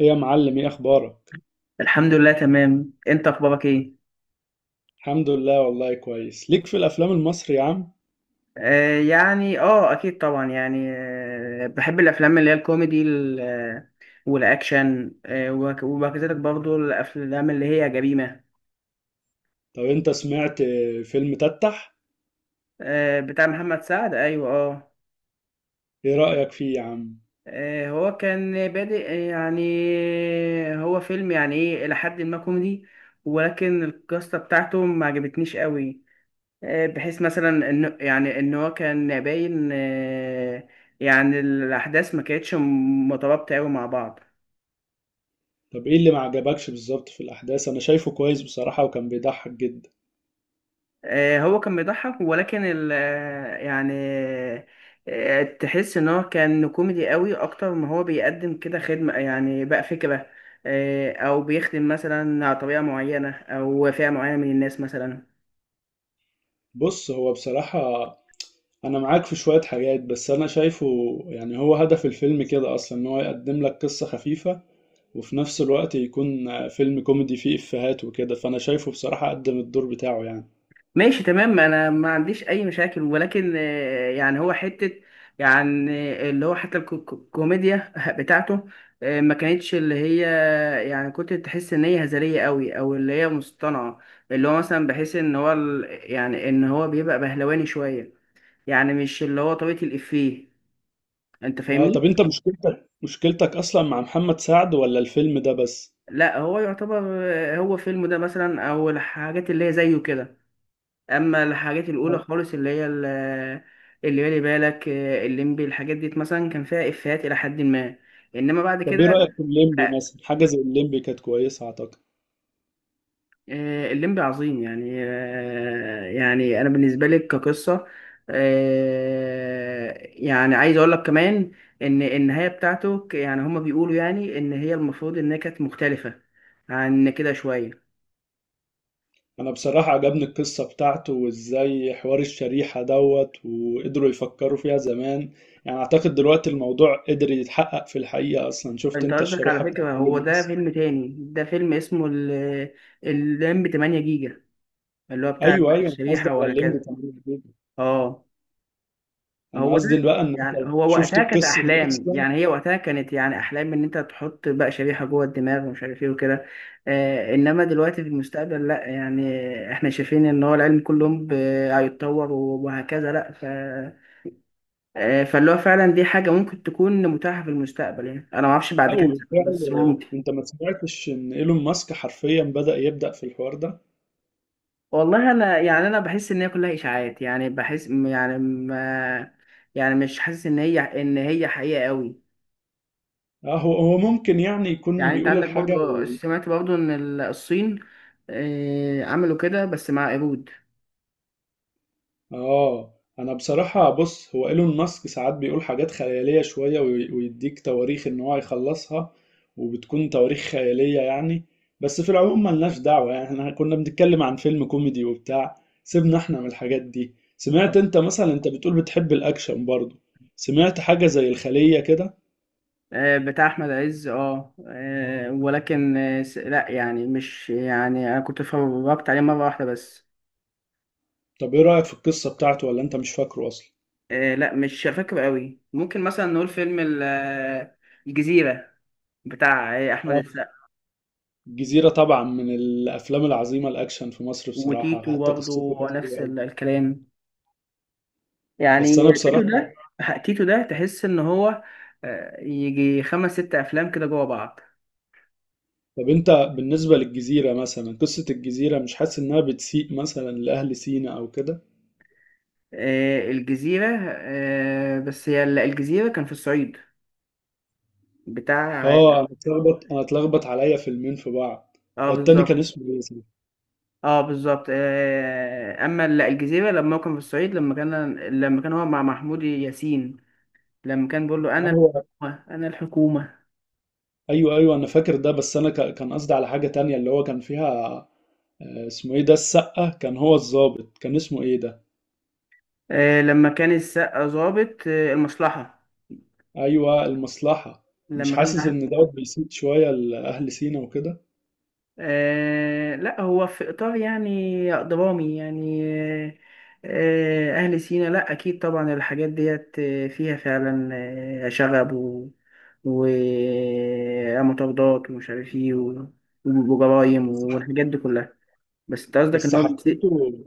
ايه يا معلم، ايه اخبارك؟ الحمد لله، تمام. انت اخبارك ايه؟ الحمد لله والله كويس. ليك في الافلام المصري يا عم؟ يعني اكيد طبعا يعني. بحب الافلام اللي هي الكوميدي والاكشن وكذلك برضو الافلام اللي هي جريمة. طب انت سمعت فيلم تتح؟ آه، بتاع محمد سعد. ايوه، اه. ايه رأيك فيه يا عم؟ هو كان بادئ يعني. هو فيلم، يعني ايه، الى حد ما كوميدي، ولكن القصة بتاعته ما عجبتنيش قوي. بحيث مثلا انه يعني ان هو كان باين. يعني الاحداث ما كانتش مترابطه قوي مع بعض. طب ايه اللي ما عجبكش بالظبط في الاحداث؟ انا شايفه كويس بصراحة وكان بيضحك جدا. هو كان بيضحك ولكن ال آه، يعني تحس ان هو كان كوميدي قوي اكتر ما هو بيقدم كده خدمه، يعني بقى فكره. او بيخدم مثلا على طريقه معينه او فئه معينه من الناس مثلا. بص هو بصراحة انا معاك في شوية حاجات بس انا شايفه يعني هو هدف الفيلم كده اصلا ان هو يقدم لك قصة خفيفة، وفي نفس الوقت يكون فيلم كوميدي فيه افيهات وكده، فانا شايفه بصراحة قدم الدور بتاعه يعني. ماشي، تمام. انا ما عنديش اي مشاكل، ولكن يعني هو حتة، يعني، اللي هو حتى الكوميديا بتاعته ما كانتش اللي هي، يعني كنت تحس ان هي هزلية قوي او اللي هي مصطنعة. اللي هو مثلا بحس ان هو يعني ان هو بيبقى بهلواني شوية، يعني مش اللي هو طريقة الافيه. انت اه، فاهمني؟ طب انت مشكلتك اصلا مع محمد سعد ولا الفيلم ده بس؟ لا، هو يعتبر هو فيلم ده مثلا او الحاجات اللي هي زيه كده، اما الحاجات الاولى آه. خالص اللي هي اللي بالي بالك الليمبي، الحاجات دي مثلا كان فيها افيهات الى حد ما، انما بعد طب ايه كده رأيك في الليمبي مثلا؟ حاجة زي الليمبي كانت كويسة اعتقد. الليمبي عظيم يعني. يعني انا بالنسبه لك كقصه، يعني عايز اقول لك كمان ان النهايه بتاعته يعني هما بيقولوا يعني ان هي المفروض انها كانت مختلفه عن كده شويه. انا بصراحة عجبني القصة بتاعته، وازاي حوار الشريحة دوت وقدروا يفكروا فيها زمان. يعني اعتقد دلوقتي الموضوع قدر يتحقق في الحقيقة اصلا. شفت انت انت قصدك، على الشريحة بتاعت فكره، كل هو ده الناس؟ فيلم تاني، ده فيلم اسمه الليمبي 8 جيجا، اللي هو بتاع ايوه ايوه، انا قصدي الشريحة على الليمبي وهكذا. تمام جدا. اه، انا هو ده. قصدي بقى ان انت يعني هو شفت وقتها كانت القصة دي أحلام، اصلا. يعني هي وقتها كانت يعني أحلام إن أنت تحط بقى شريحة جوه الدماغ ومش عارف إيه وكده. إنما دلوقتي في المستقبل لأ، يعني إحنا شايفين إن هو العلم كل يوم هيتطور وهكذا، لأ، ف فاللي هو فعلا دي حاجة ممكن تكون متاحة في المستقبل. يعني أنا معرفش بعد لا كام سنة بس وبالفعل، هو ممكن. انت ما سمعتش ان ايلون ماسك حرفيا يبدأ في الحوار ده؟ والله انا يعني انا بحس ان هي كلها اشاعات. يعني بحس يعني ما يعني مش حاسس ان هي حقيقه قوي. اه، هو ممكن يعني يكون يعني انت بيقول عندك الحاجة برضو، و... سمعت برضو ان الصين عملوا كده بس مع قرود. اه انا بصراحة، بص، هو ايلون ماسك ساعات بيقول حاجات خيالية شوية، ويديك تواريخ ان هو هيخلصها، وبتكون تواريخ خيالية يعني. بس في العموم ملناش دعوة، يعني احنا كنا بنتكلم عن فيلم كوميدي وبتاع. سيبنا احنا من الحاجات دي. سمعت انت مثلا، انت بتقول بتحب الاكشن برضه، سمعت حاجة زي الخلية كده؟ بتاع احمد عز. ولكن لا، يعني مش، يعني انا كنت اتفرجت عليه مره واحده بس. طب ايه رأيك في القصة بتاعته ولا انت مش فاكره اصلا؟ لا، مش فاكر قوي. ممكن مثلا نقول فيلم الجزيره، بتاع احمد السقا، الجزيرة طبعا من الأفلام العظيمة الأكشن في مصر بصراحة، وتيتو حتى قصته برضه كانت حلوة نفس أوي. الكلام، يعني. بس أنا تيتو بصراحة ده، تحس ان هو يجي خمس ست افلام كده جوا بعض. طب أنت بالنسبة للجزيرة مثلا، قصة الجزيرة مش حاسس إنها بتسيء مثلا لأهل سينا أو كده؟ الجزيرة، بس هي الجزيرة كان في الصعيد، بتاع. آه أنا اتلخبط عليا فيلمين في بعض. اه، هو التاني كان بالظبط. اسمه إيه؟ صح؟ اه، بالظبط. اما الجزيرة لما هو كان في الصعيد، لما كان هو مع محمود ياسين، لما كان بيقول له: آه انا هو الحكومة، انا الحكومة. أيوه أيوه، أنا فاكر ده، بس أنا كان قصدي على حاجة تانية اللي هو كان فيها، اسمه إيه ده؟ السقة كان هو الضابط، كان اسمه إيه ده؟ لما كان السقا ظابط المصلحة، أيوه المصلحة. مش لما كان حاسس مع. إن ده بيسيء شوية لأهل سينا وكده؟ لا، هو في إطار يعني درامي يعني. آه أهل سينا، لا أكيد طبعا الحاجات ديت فيها فعلا شغب و ومطاردات ومش عارف ايه وجرايم والحاجات دي كلها. بس انت قصدك بس ان هو، حسيته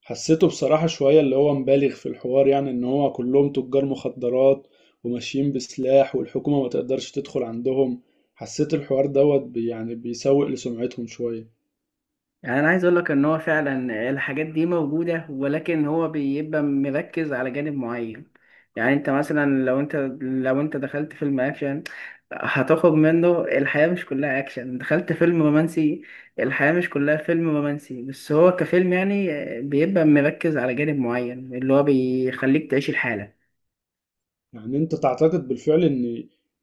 حسيته بصراحة شوية اللي هو مبالغ في الحوار، يعني ان هو كلهم تجار مخدرات وماشيين بسلاح والحكومة ما تقدرش تدخل عندهم. حسيت الحوار دوت يعني بيسوق لسمعتهم شوية. يعني انا عايز اقول لك ان هو فعلا الحاجات دي موجوده، ولكن هو بيبقى مركز على جانب معين. يعني انت مثلا لو انت دخلت فيلم اكشن، هتاخد منه، الحياه مش كلها اكشن. دخلت فيلم رومانسي، الحياه مش كلها فيلم رومانسي، بس هو كفيلم، يعني بيبقى مركز على جانب معين اللي هو بيخليك تعيش الحاله. يعني انت تعتقد بالفعل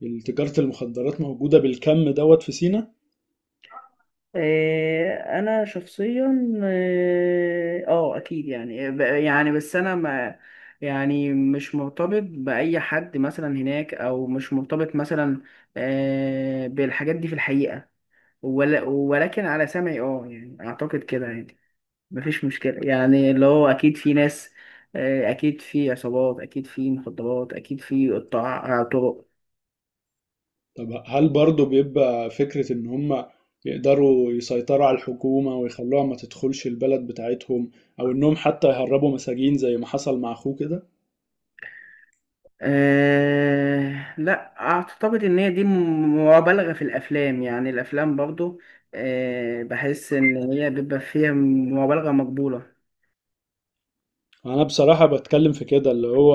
ان تجارة المخدرات موجودة بالكم دوت في سينا؟ انا شخصيا، اكيد يعني يعني بس انا ما، يعني مش مرتبط باي حد مثلا هناك، او مش مرتبط مثلا بالحاجات دي في الحقيقه، ولا، ولكن على سمعي اه، يعني اعتقد كده، يعني مفيش مشكله، يعني اللي هو اكيد في ناس، اكيد في عصابات، اكيد في مخدرات، اكيد في قطاع طرق. طب هل برضو بيبقى فكرة ان هم يقدروا يسيطروا على الحكومة ويخلوها ما تدخلش البلد بتاعتهم، او انهم حتى يهربوا مساجين زي ما حصل مع اخوه كده؟ لا، أعتقد إن هي دي مبالغة في الأفلام، يعني الأفلام برضو بحس إن هي بيبقى فيها مبالغة مقبولة. انا بصراحة بتكلم في كده اللي هو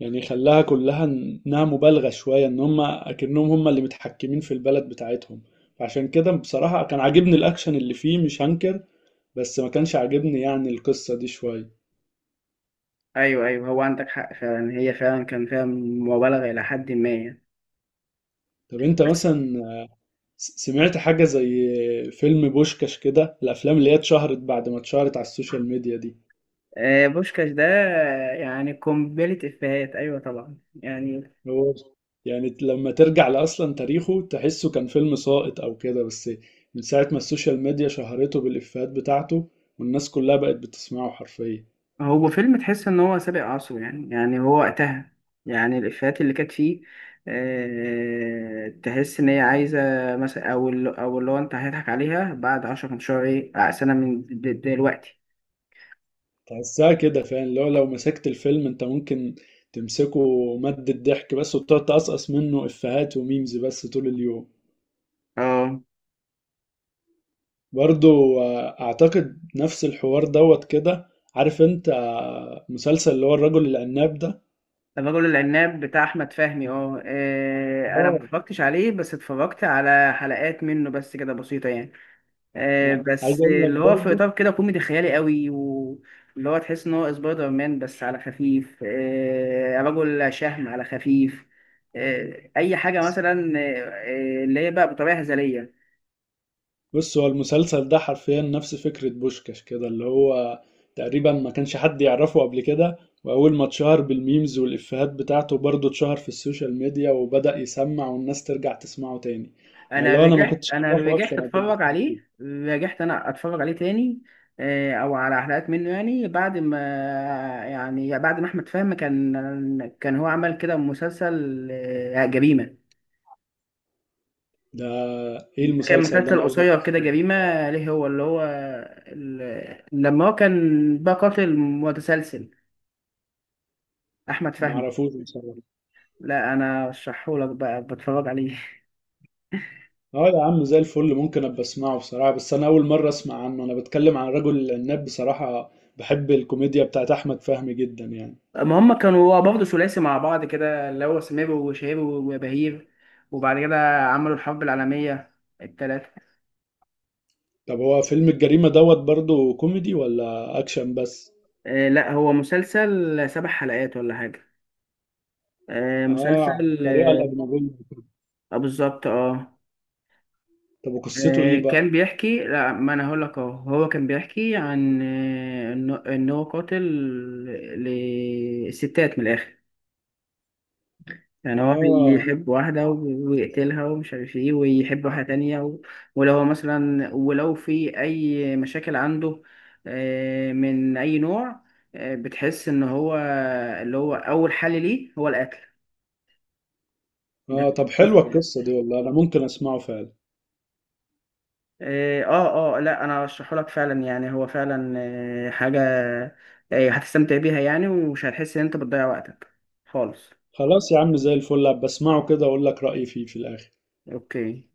يعني خلاها كلها انها مبالغة شوية، ان هم اكنهم هم اللي متحكمين في البلد بتاعتهم. عشان كده بصراحة كان عاجبني الاكشن اللي فيه مش هنكر، بس ما كانش عاجبني يعني القصة دي شوية. أيوه، أيوه، هو عندك حق. فعلا هي فعلا كان فيها مبالغة إلى حد ما يعني. طب انت بس مثلا سمعت حاجة زي فيلم بوشكاش كده، الافلام اللي هي اتشهرت بعد ما اتشهرت على السوشيال ميديا دي؟ بوشكاش ده، يعني قنبلة إفيهات، أيوه طبعا يعني. هو يعني لما ترجع لأصلا تاريخه تحسه كان فيلم ساقط أو كده، بس من ساعة ما السوشيال ميديا شهرته بالإفيهات بتاعته والناس كلها بقت بتسمعه حرفيا. هو فيلم تحس ان هو سابق عصره، يعني هو وقتها، يعني الافيهات اللي كانت فيه تحس ان هي عايزه، مثلا، او او اللي هو انت هتضحك عليها بعد 10 15 ايه سنه من دلوقتي. تحسها كده فعلا، لو مسكت الفيلم أنت ممكن تمسكه مادة ضحك بس، وتقعد تقصقص منه إفيهات وميمز بس طول اليوم. اه. برضو أعتقد نفس الحوار دوت كده. عارف أنت مسلسل اللي هو الرجل العناب ده؟ الرجل العناب بتاع احمد فهمي. انا ما اه اتفرجتش عليه، بس اتفرجت على حلقات منه بس كده بسيطه يعني. أنا عايز بس أقول اللي لك هو في برضو، اطار كده كوميدي خيالي قوي، واللي هو تحس ان هو سبايدر مان بس على خفيف، رجل شهم على خفيف، اي حاجه مثلا، اللي هي بقى بطريقه هزليه. بص هو المسلسل ده حرفيا نفس فكرة بوشكاش كده، اللي هو تقريبا ما كانش حد يعرفه قبل كده، وأول ما اتشهر بالميمز والإفيهات بتاعته برضه اتشهر في السوشيال ميديا وبدأ يسمع والناس ترجع تسمعه تاني. يعني انا اللي هو أنا ما رجعت كنتش انا أعرفه رجعت أصلا قبل اتفرج الإفيهات عليه، دي. رجعت انا اتفرج عليه تاني، او على حلقات منه، يعني بعد ما، يعني بعد ما احمد فهمي كان هو عمل كده مسلسل جريمه. ده إيه كان المسلسل ده؟ أنا مسلسل أول مرة قصير كده أسمعه. جريمة، ليه، هو اللي هو لما هو كان بقى قاتل متسلسل، أحمد ما فهمي. أعرفوش بصراحة. لا، أنا رشحهولك بقى، بتفرج عليه. أه يا عم زي الفل، ممكن أبقى أسمعه بصراحة، بس أنا أول مرة أسمع عنه. أنا بتكلم عن رجل العناب بصراحة، بحب الكوميديا بتاعت أحمد فهمي جدا يعني. ما هم كانوا برضه ثلاثي مع بعض كده، اللي هو سمير وشهير وبهير، وبعد كده عملوا الحرب العالمية التلاتة. طب هو فيلم الجريمة دوت برضه كوميدي ولا أكشن بس؟ لا، هو مسلسل سبع حلقات ولا حاجة، آه على مسلسل الطريقة الأجنبية كده. بالظبط، اه. طب وقصته إيه بقى؟ كان بيحكي، لا، ما انا هقول لك اهو. هو كان بيحكي عن إن هو قاتل لستات، من الاخر. يعني هو آه بيحب واحدة ويقتلها ومش عارف ايه، ويحب واحدة تانية و. ولو هو مثلا ولو في اي مشاكل عنده من اي نوع، بتحس ان هو اللي هو اول حل ليه هو القتل. آه طب حلوة القصة دي والله، أنا ممكن أسمعه فعلا. إيه، اه، اه، لا انا ارشحه لك فعلا، يعني هو فعلا حاجه هتستمتع بيها يعني، ومش هتحس ان انت بتضيع وقتك خالص. خلاص يا عم زي الفل، بسمعه كده أقول لك رأيي فيه في الآخر. اوكي.